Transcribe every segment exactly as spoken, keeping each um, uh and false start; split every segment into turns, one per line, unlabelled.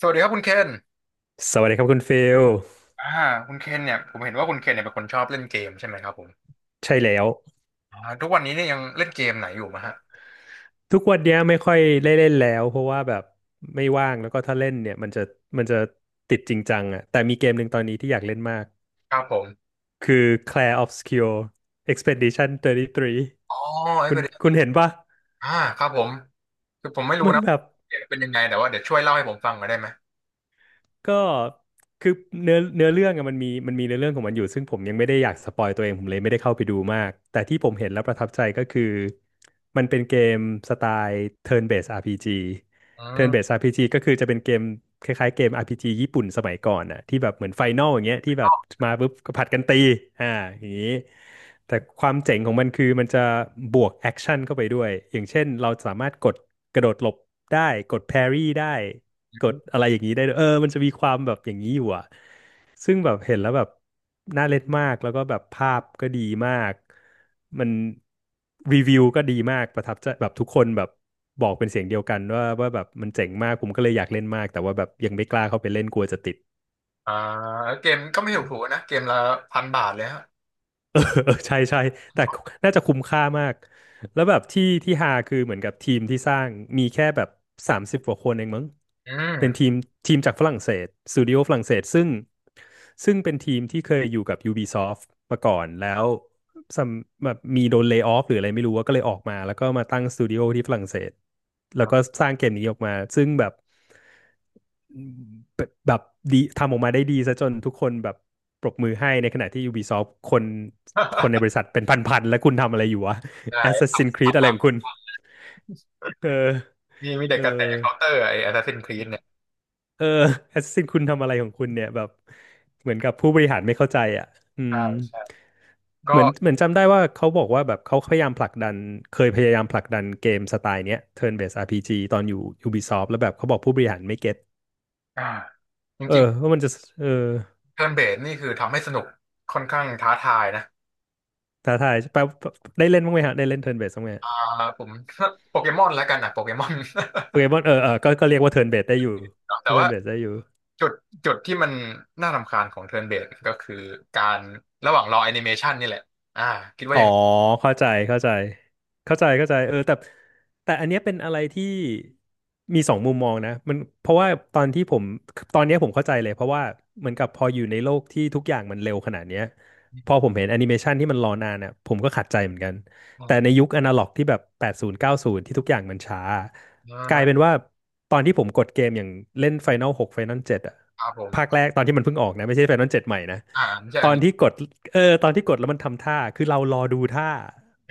สวัสดีครับคุณเคน
สวัสดีครับคุณฟิล
อ่าคุณเคนเนี่ยผมเห็นว่าคุณเคนเนี่ยเป็นคนชอบเล่นเกมใช่ไหมครับผม
ใช่แล้ว
อ่าทุกวันนี้เนี่ยยังเล่นเกมไหนอยู่มะฮะ
ทุกวันเนี้ยไม่ค่อยได้เล่นแล้วเพราะว่าแบบไม่ว่างแล้วก็ถ้าเล่นเนี่ยมันจะมันจะติดจริงจังอ่ะแต่มีเกมหนึ่งตอนนี้ที่อยากเล่นมาก
ครับผม
คือ Clair Obscur Expedition สามสิบสาม
อ๋อไอ้
คุ
ป
ณ
ระเด็น
คุณเห็นปะ
อ่าครับผมคือผมไม่รู้
มัน
นะ
แบบ
เกมเป็นยังไงแต่ว่าเดี๋ยวช่วยเล่าให้ผมฟังหน่อยได้ไหม
ก็คือเนื้อเนื้อเรื่องอะมันมีมันมีเนื้อเรื่องของมันอยู่ซึ่งผมยังไม่ได้อยากสปอยตัวเองผมเลยไม่ได้เข้าไปดูมากแต่ที่ผมเห็นแล้วประทับใจก็คือมันเป็นเกมสไตล์ Turn Based อาร์ พี จี
อื
Turn
ม
Based อาร์ พี จี ก็คือจะเป็นเกมคล้ายๆเกม อาร์ พี จี ญี่ปุ่นสมัยก่อนอ่ะที่แบบเหมือนไฟน a ลอย่างเงี้ยที่แบบมาปุ๊บก็ผัดกันตีอ่าอย่างนี้แต่ความเจ๋งของมันคือมันจะบวกแอคชั่นเข้าไปด้วยอย่างเช่นเราสามารถกดกระโดดหลบได้กดแพรี่ได้ กดอะไรอย่างนี้ได้ด้วยเออมันจะมีความแบบอย่างนี้อยู่อ่ะซึ่งแบบเห็นแล้วแบบน่าเล่นมาก แล้วก็แบบภาพก็ดีมาก มันรีวิวก็ดีมากประทับใจแบบทุกคนแบบบอกเป็นเสียงเดียวกันว่าว่าแบบมันเจ๋งมาก ผมก็เลยอยากเล่นมาก แต่ว่าแบบยังไม่กล้าเข้าไปเล่นกลัวจะติด
อ่าเกมก็ไม่ถูกถูกนะเกมละพันบาทเลยฮะ
เออใช่ใช่แต่น่าจะคุ้มค่ามากแล้วแบบที่ที่ฮาคือเหมือนกับทีมที่สร้างมีแค่แบบสามสิบกว่าคนเองมั้ง
อื
เป็นที
ม
มทีมจากฝรั่งเศสสตูดิโอฝรั่งเศสซึ่งซึ่งเป็นทีมที่เคยอยู่กับ Ubisoft มาก่อนแล้วซัมแบบมีโดนเล y off หรืออะไรไม่รู้ว่าก็เลยออกมาแล้วก็มาตั้งสตูดิโอที่ฝรั่งเศสแล้วก็สร้างเกมนี้ออกมาซึ่งแบบ แบบดีทำออกมาได้ดีซะจนทุกคนแบบปรบมือให้ในขณะที่ Ubisoft คนคนในบริ ษัทเป็นพันๆแล้วคุณทำอะไรอยู่วะ
ได้
Assassin's
ทำ
Creed
ทำ
อะไรของ
มา
คุณเออ
มีมีเด็
เอ
ก
อ
กระแสเคาน์เตอร์ไอ้ Assassin's Creed เนี่ย
เออ Assassin คุณทำอะไรของคุณเนี่ยแบบเหมือนกับผู้บริหารไม่เข้าใจอ่ะอื
ใช่
ม
ใช่ก็
เหมือนเหมือนจำได้ว่าเขาบอกว่าแบบเขาพยายามผลักดันเคยพยายามผลักดันเกมสไตล์เนี้ย Turn-based อาร์ พี จี ตอนอยู่ Ubisoft แล้วแบบเขาบอกผู้บริหารไม่เก็ต
อ่าจ
เออ
ริง
ว่ามันจะเออ
ๆเทิร์นเบสนี่คือทำให้สนุกค่อนข้างท้าทายนะ
ท้าทายแปลได้เล่นบ้างไหมฮะได้เล่นเทิร์นเบสบ้างไหม
อ่าผม โปเกมอนแล้วกันนะโปเกมอน
โปเกมอนเออเออก็ก็เรียกว่าเทิร์นเบสได้อยู่
แต่
ก็เทิร์
ว่า
นเบสได้อยู่
จุดจุดที่มันน่ารำคาญของเทิร์นเบสก็คือการระหว่างรอแอนิเมชันนี่แหละอ่าคิดว่า
อ๋อ
ยังไง
เข้าใจเข้าใจเข้าใจเข้าใจเออแต่แต่อันเนี้ยเป็นอะไรที่มีสองมุมมองนะมันเพราะว่าตอนที่ผมตอนเนี้ยผมเข้าใจเลยเพราะว่าเหมือนกับพออยู่ในโลกที่ทุกอย่างมันเร็วขนาดเนี้ยพอผมเห็นแอนิเมชันที่มันรอนานอ่ะผมก็ขัดใจเหมือนกันแต่ใน
อ่า
ยุคอนาล็อกที่แบบแปดศูนย์เก้าศูนย์ที่ทุกอย่างมันช้าก
อ่า
ลายเป็นว่าตอนที่ผมกดเกมอย่างเล่นไฟน a ลหกไฟน a ลเจ็ดอ่ะ
ครับผม
ภาคแรกตอนที่มันเพิ่งออกนะไม่ใช่ไฟน a ลเจ็ดใหม่นะ
อ่าไม่ใช่
ต
อ
อน
นิเม
ที่กดเออตอนที่กดแล้วมันทำท่า คือเรารอดูท่า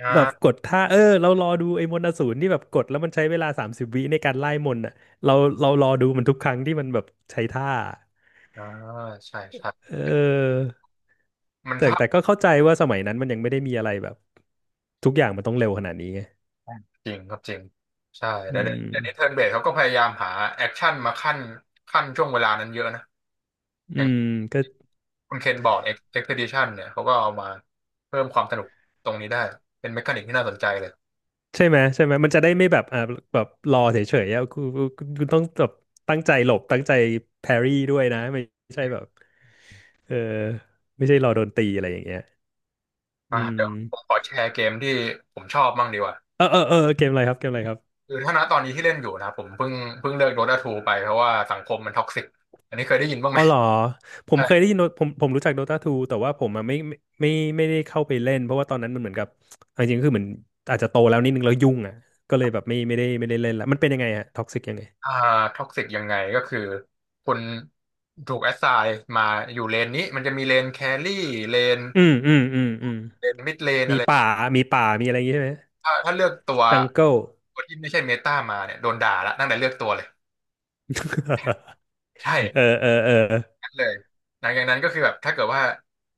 อ่
แบบก
า
ดท่า เออเรารอดูไอ้มนต์อสูรที่แบบกดแล้วมันใช้เวลาสามสิบวิในการไล่มนต์อ่ะเราเรารอดูมันทุกครั้งที่มันแบบใช้ท่า
อ่าใช่ใช่
เออ
มัน
แต่
ท้า
แต่ก็เข้าใจว่าสมัยนั้นมันยังไม่ได้มีอะไรแบบทุกอย่างมันต้องเร็วขนาดนี้ไง
จริงครับจริงใช่
อื
แต่เดี๋ยว
ม
เดี๋ยวนี้เทิร์นเบสเขาก็พยายามหาแอคชั่นมาขั้นขั้นช่วงเวลานั้นเยอะนะอ
อื
ย่าง
มก็
คุณเคนบอกเอ็กซ์เพดิชันเนี่ยเขาก็เอามาเพิ่มความสนุกตรงนี้ได้เป็นเมคานิกที่น่าสนใจเลย
ใช่ไหมใช่ไหมมันจะได้ไม่แบบอ่าแบบรอเฉยๆอ่ะคุณคุณคุณต้องแบบตั้งใจหลบตั้งใจแพรรี่ด้วยนะไม่ใช่แบบ เออไม่ใช่รอโดนตีอะไรอย่างเงี้ยอื
อ่ะเดี๋ยวผมข
ม
อแชร์เกมที่ผมชอบบ้างดีกว่า
เออเออเออเกมอะไรครับเกมอะไรครับ
คือถ้าณตอนนี้ที่เล่นอยู่นะผมเพิ่งเพิ่งเลิก Dota ทูไปเพราะว่าสังคมมันท็อกซิกอันนี้เคยได้ยินบ้างไห
อ๋
ม
อเหรอผม
ใช่
เคยได้ยิน Dota- ผมผมรู้จัก Dota ทูแต่ว่าผมอะไม่ไม่ไม่ไม่ได้เข้าไปเล่นเพราะว่าตอนนั้นมันเหมือนกับเอาจริงๆคือเหมือนอาจจะโตแล้วนิดนึงแล้วยุ่งอ่ะก็เลยแบบไม่ไม่ได้ไม่ได้เล่นละมันเป็นยังไงฮะท็อกซิกยังไง
อ่าท็อกซิกยังไงก็คือคุณถูกแอสไซน์มาอยู่เลนนี้มันจะมีเลนแครี่เลน
อืมอืมอืมอืม
เลนมิดเลน
มี
อะไร
ป่ามีป่ามีอะไรอย่างงี้ใช่ไหม
ถ้าถ้าเลือกตัว
จังเกิล
ตัวที่ไม่ใช่เมตามาเนี่ยโดนด่าละตั้งแต่เลือกตัวเลยใช่
เออเออเออ
เลยหลังจากนั้นก็คือแบบถ้าเกิดว่า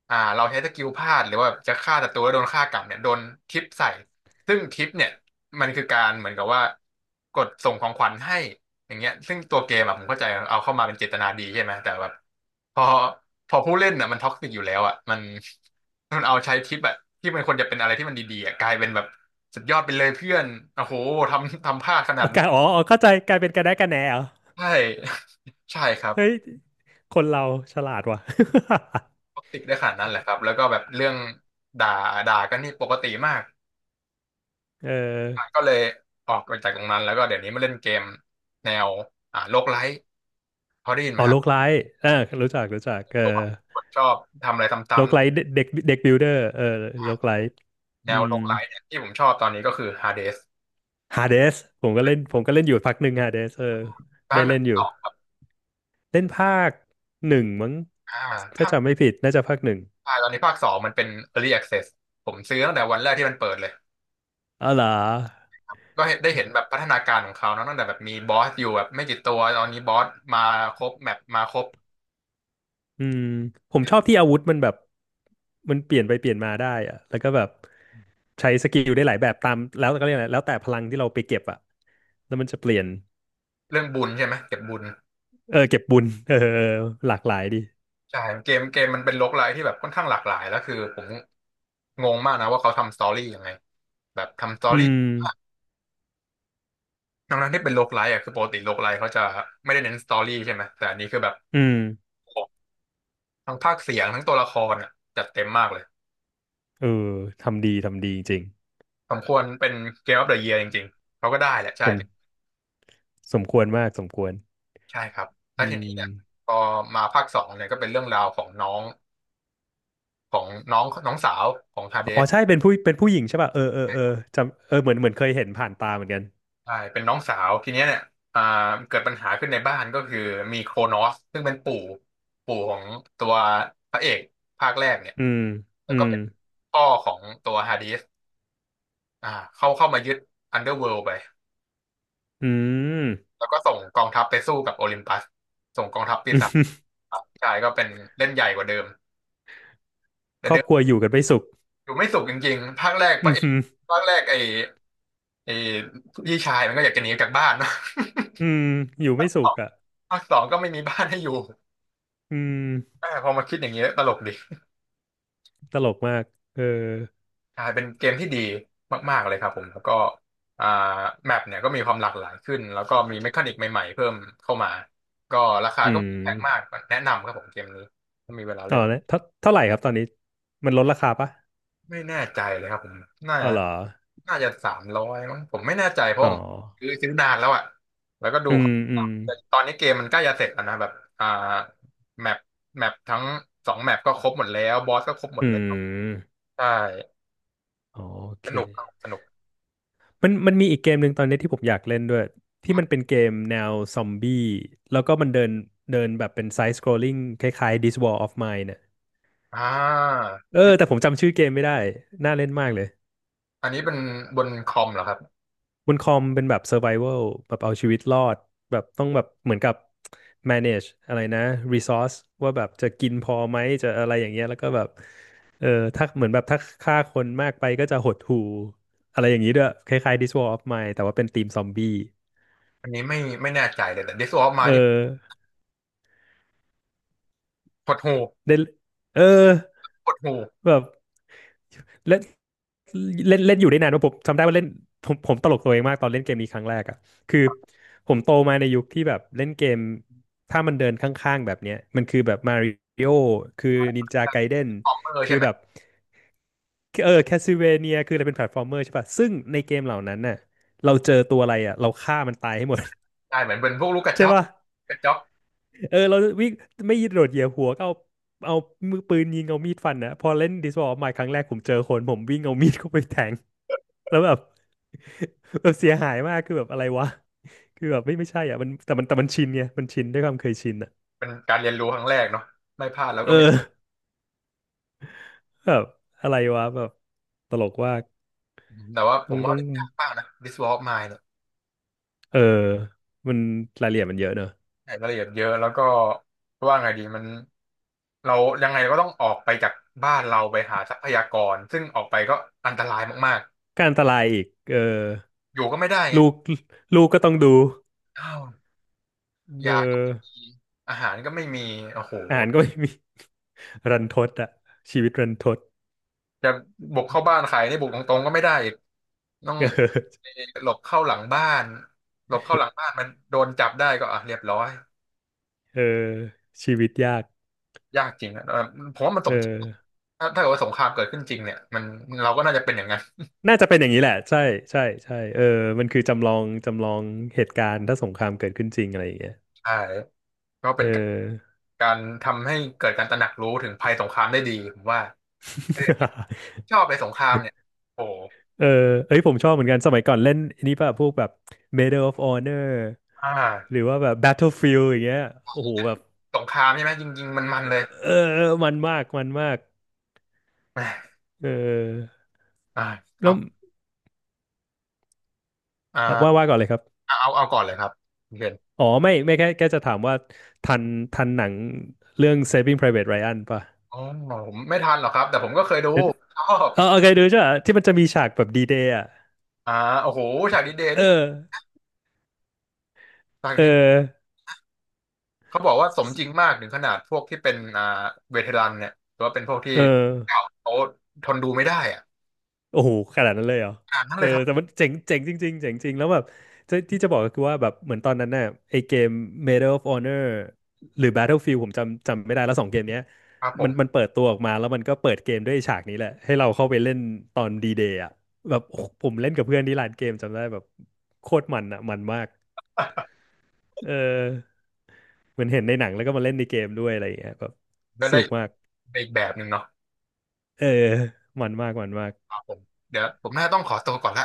อ่าเราใช้สกิลพลาดหรือว่าแบบจะฆ่าศัตรูแล้วโดนฆ่ากลับเนี่ยโดนทิปใส่ซึ่งทิปเนี่ยมันคือการเหมือนกับว่ากดส่งของขวัญให้อย่างเงี้ยซึ่งตัวเกมอะผมเข้าใจเอาเข้ามาเป็นเจตนาดีใช่ไหมแต่แบบพอพอผู้เล่นอ่ะมันท็อกซิกอยู่แล้วอ่ะมันมันเอาใช้ทิปอ่ะที่มันควรจะเป็นอะไรที่มันดีๆอ่ะกลายเป็นแบบสุดยอดไปเลยเพื่อนโอ้โหทำทำพลาดขนาด
เอา
นี้
การอ๋ออ๋อเข้าใจกลายเป็นกระแนะกระแหนเหรอ
ใช่ ใช่ครับ
เฮ้ยคนเราฉลาดว่ะ
ปกติได้ขนาดนั้นแหละครับแล้วก็แบบเรื่องด่าด่ากันนี่ปกติมาก
เออ
อ่ะก็เลยออกไปจากตรงนั้นแล้วก็เดี๋ยวนี้มาเล่นเกมแนวอ่าโลกไลท์พอได้ยินไห
อ๋
ม
อโล
ฮะ
กไลท์อ่ารู้จักรู้จักเออ
ตัวผมชอบทำอะไรซ
โลก
้ำ
ไลท์เด็กเด็กบิลเดอร์เออโลกไลท์
ๆแน
อื
ว
ม
โลกไลท์เนี่ยที่ผมชอบตอนนี้ก็คือ Hades
ฮาเดสผมก็เล่นผมก็เล่นอยู่พักหนึ่งฮาเดสเออ
ภา
ได้
คหนึ่
เล่
ง
นอยู่
สอง
เล่นภาคหนึ่งมั้ง
อ่า
ถ้า
ภาค
จำไม่ผิดน่าจะภาคหนึ่ง
ภาคตอนนี้ภาคสองมันเป็น Early Access ผมซื้อตั้งแต่วันแรกที่มันเปิดเลย
อ๋อเหรอ
ก็เห็นได้เห็นแบบพัฒนาการของเขาเนอะตั้งแต่แบบมีบอสอยู่แบบไม่กี่ตัวตอนนี้บอสมาครบแมปมาครบ
อืมผมชอบที่อาวุธมันแบบมันเปลี่ยนไปเปลี่ยนมาได้อะแล้วก็แบบใช้สกิลได้หลายแบบตามแล้วก็เรียกอะไรแล้วแต่พลังที่เราไปเก็บอะแล้วมันจะเปลี่ยน
เรื่องบุญใช่ไหมเก็บบุญ
เออเก็บบุญเออเออหลากหลายดี
ใช่เกมเกมมันเป็นโรคไลท์ที่แบบค่อนข้างหลากหลายแล้วคือผมงงมากนะว่าเขาทำสตอรี่ยังไงแบบทำสตอ
อื
รี่
ม
ทั้งนั้นที่เป็นโรคไลท์อ่ะคือปกติโรคไลท์เขาจะไม่ได้เน้นสตอรี่ใช่ไหมแต่อันนี้คือแบบ
อืม
โอ้โหทั้งภาคเสียงทั้งตัวละครอ่ะจัดเต็มมากเลย
เออทำดีทำดีจริง
สมควรเป็นเกมออฟเดอะเยียร์จริงๆเขาก็ได้แหละ
ๆส
ใช่
มสมควรมากสมควร
ใช่ครับแล้
อื
วทีนี้เนี่ย
ม
พอมาภาคสองเนี่ยก็เป็นเรื่องราวของน้องของน้องน้องสาวของทาเด
อ๋อใช่เป็นผู้เป็นผู้หญิงใช่ป่ะเออเออเออจำเออเหมือนเหมือนเคยเห็นผ่านตาเหมือนกัน
ใช่เป็นน้องสาวทีเนี้ยเนี่ยอ่าเกิดปัญหาขึ้นในบ้านก็คือมีโครนอสซึ่งเป็นปู่ปู่ของตัวพระเอกภาคแรกเนี่ย
อืม
แล้
อื
วก็
ม
เป็นพ่อของตัวฮาดิสอ่าเข้าเข้ามายึดอันเดอร์เวิลด์ไป
อืม
แล้วก็ส่งกองทัพไปสู้กับโอลิมปัสส่งกองทัพปีศาจ ครับใช่ก็เป็นเล่นใหญ่กว่าเดิมแต่
ครอ
เดิ
บครั
ม
วอยู่กันไม่สุข
อยู่ไม่สุขจริงๆภาคแรกพ
อื
ระเอก
ม
ภาคแรกไอ้ไอ้พี่ชายมันก็อยากจะหนีออกจากบ้านเนอะ
อืมอยู่ไม่สุข อ่ะ
ภาคสองก็ไม่มีบ้านให้อยู่
อืม
เออพอมาคิดอย่างเงี้ยตลกดี
ตลกมากเออ
ใช่เป็นเกมที่ดีมากๆเลยครับผมแล้วก็อ่าแมปเนี่ยก็มีความหลากหลายขึ้นแล้วก็มีเมคานิกใหม่ๆเพิ่มเข้ามาก็ราคา
อื
ก็ไม่แพงมา
ม
กแนะนำครับผมเกมนี้ถ้ามีเวลา
อ๋
เล่
อ
น
แล้วเท่าเท่าไหร่ครับตอนนี้มันลดราคาปะ
ไม่แน่ใจเลยครับผมน่า
อ๋อ
จะ
เหรอ
น่าจะสามร้อยมั้งผมไม่แน่ใจเพราะ
อ๋อ
ผมคือซื้อนานแล้วอ่ะแล้วก็ดู
อืมอืม
แต่ตอนนี้เกมมันใกล้จะเสร็จแล้วนะแบบอ่าแมปแมปทั้งสองแมปก็ครบหมดแล้วบอสก็ครบหม
อื
ดแล้ว
ม
ใช่
โอ
ส
เค
นุกครับสนุก
มันมันมีอีกเกมหนึ่งตอนนี้ที่ผมอยากเล่นด้วยที่มันเป็นเกมแนวซอมบี้แล้วก็มันเดินเดินแบบเป็นไซส์สครอลลิ่งคล้ายๆ This War of Mine เน่ย
อ่า
เออแต่ผมจำชื่อเกมไม่ได้น่าเล่นมากเลย
อันนี้เป็นบนคอมเหรอครับ
บนคอมเป็นแบบ Survival แบบเอาชีวิตรอดแบบต้องแบบเหมือนกับ manage อะไรนะ resource ว่าแบบจะกินพอไหมจะอะไรอย่างเงี้ยแล้วก็แบบเออถ้าเหมือนแบบถ้าฆ่าคนมากไปก็จะหดหู่อะไรอย่างนี้ด้วยคล้ายๆ This War of Mine แต่ว่าเป็นธีมซอมบี้
อันนี้ไม่ไม่แน่ใจเลยแต่ t i s w of m i
เออ
n นี่หดหู
เล่นเออ
หดหู
แบบเล่นเล่นเล่นอยู่ได้นานว่าผมจำได้ว่าเล่นผมผมตลกตัวเองมากตอนเล่นเกมนี้ครั้งแรกอ่ะคือผมโตมาในยุคที่แบบเล่นเกมถ้ามันเดินข้างๆแบบเนี้ยมันคือแบบมาริโอคือนินจาไกเด n น
คอมเมอร์
คือ
ใช่ไหม
แบบเออแคสซิเวเนียคืออะไรเป็นแพลตฟอร์มเมอร์ใช่ป่ะซึ่งในเกมเหล่านั้นน่ะเราเจอตัวอะไรอ่ะเราฆ่ามันตายให้หมด
ใช่เหมือนเป็นพวกลูกก ระจ
ใช่
อก
ป่ะ
กระจอก
เออเราวิ่งไม่ยิงโดดเหยียบหัวก็เอาเอามือปืนยิงเอามีดฟันนะพอเล่นดิสวอลใหม่ครั้งแรกผมเจอคนผมวิ่งเอามีดเข้าไปแทง แล้วแบบ แบบเสียหายมากคือแบบอะไรวะคือแบบไม่ไม่ใช่อ่ะมันแต่มันแต่มันชินไงมันชินด้วยความเคยชินอ่ะ
เป็นการเรียนรู้ครั้งแรกเนาะไม่พลาดแล้ว
เอ
ก็ไม่
อแบบอะไรวะแบบตลกว่าก
แต่ว่าผ
ต้อง
มว่า
ต้อง
เล่นยากมากนะ This War of Mine เนี่ย
เออมันรายละเอียดมันเยอะเนอะ
ใช่รายละเอียดเยอะแล้วก็ว่าไงดีมันเรายังไงเราก็ต้องออกไปจากบ้านเราไปหาทรัพยากรซึ่งออกไปก็อันตรายมาก
การอันตรายอีกเออ
ๆอยู่ก็ไม่ได้ไง
ลูกลูกก็ต้องดู
อ้าว
เออ
ยากิอาหารก็ไม่มีโอ้โห
อาหารก็ไม่มี รันทดอ่ะชีวิตรันทด
จะบุกเข้าบ้านใครนี่บุกตรงๆก็ไม่ได้อีก ต้อง
เออ
หลบเข้าหลังบ้านหลบเข้าหลังบ้านมันโดนจับได้ก็อ่ะเรียบร้อย
เออชีวิตยาก
ยากจริงนะเออผมว่ามันส
เอ
มจริง
อ
ถ้าถ้าเกิดว่าสงครามเกิดขึ้นจริงเนี่ยมันเราก็น่าจะเป็นอย่างนั้น
น่าจะเป็นอย่างนี้แหละใช่ใช่ใช่เออมันคือจำลองจำลองเหตุการณ์ถ้าสงครามเกิดขึ้นจริงอะไรอย่างเงี้ย
ใช่ก็เป็
เอ
นการ
อ
การทำให้เกิดการตระหนักรู้ถึงภัยสงครามได้ดีผมว่าเออ ชอบไปสงครามเนี่ยโอ้โห
เออเอ้ยผมชอบเหมือนกันสมัยก่อนเล่นอันนี้ป่ะพวกแบบ Medal of Honor
อ่
ห
า
รือว่าแบบ Battlefield อย่างเงี้ยโอ้โหแบบ
สงครามใช่ไหมจริงๆมันมันเลย
เออมันมากมันมาก
แหม่
เออ
อ่าค
แล้
รั
ว
บ
อ่ะว่า
อ่า
ว่าก่อนเลยครับ
เอาเอาก่อนเลยครับคุณเคน
อ๋อไม่ไม่แค่แค่จะถามว่าทันทันหนังเรื่อง Saving Private Ryan ป่ะ
อ๋อผมไม่ทันหรอกครับแต่ผมก็เคยดูชอบ
เออเอาเคยดูใช่ไหะที่มันจะมีฉากแบบดีเดย์อ่ะ
อ่าโอ้โหฉากดีเดย์
เออ
นี่ ภาค
เออ
นี้เขาบอกว่าสมจริงมากถึงขนาดพวกที่เป็นอ่าเวเทรันเนี่ยหรือว่าเป็นพวกที่
เอ
เก่า
อ
เขาทนดูไม่ได้อ่ะ
โอ้โห ขนาดนั้นเลยเหรอ
ขนาดนั้น
เอ
เล
อ
ยครับ
แต่มันเจ๋งเจ๋งจริงๆเจ๋งจริงแล้วแบบจะที่จะบอกก็คือว่าแบบเหมือนตอนนั้นน่ะไอเกม Medal of Honor หรือ Battlefield ผมจำจำไม่ได้แล้วสองเกมเนี้ย
ครับผ
มันมั
ม
นเปิดตัวออกมาแล้วมันก็เปิดเกมด้วยฉากนี้แหละให้เราเข้าไปเล่นตอนดีเดย์อ่ะแบบโอ้โหผมเล่นกับเพื่อนที่ร้านเกมจำได้แบบโคตรมันอ่ะมันมากเออเหมือนเห็นในหนังแล้วก็มาเล่นในเกมด้วยอะไรอย่างเงี้ยแบบ
แล้ว
ส
ได้
นุกมาก
อีกแบบหนึ่งเนาะ
เออมันมากมันมาก
ครับผมเดี๋ยวผมน่าต้องขอตัวก่อนละ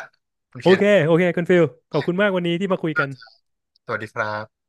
คุณเค
โอ
น
เคโอเคคุณฟิลขอบคุณมากวันนี้ที่มาคุยกัน
สวัสดีครับ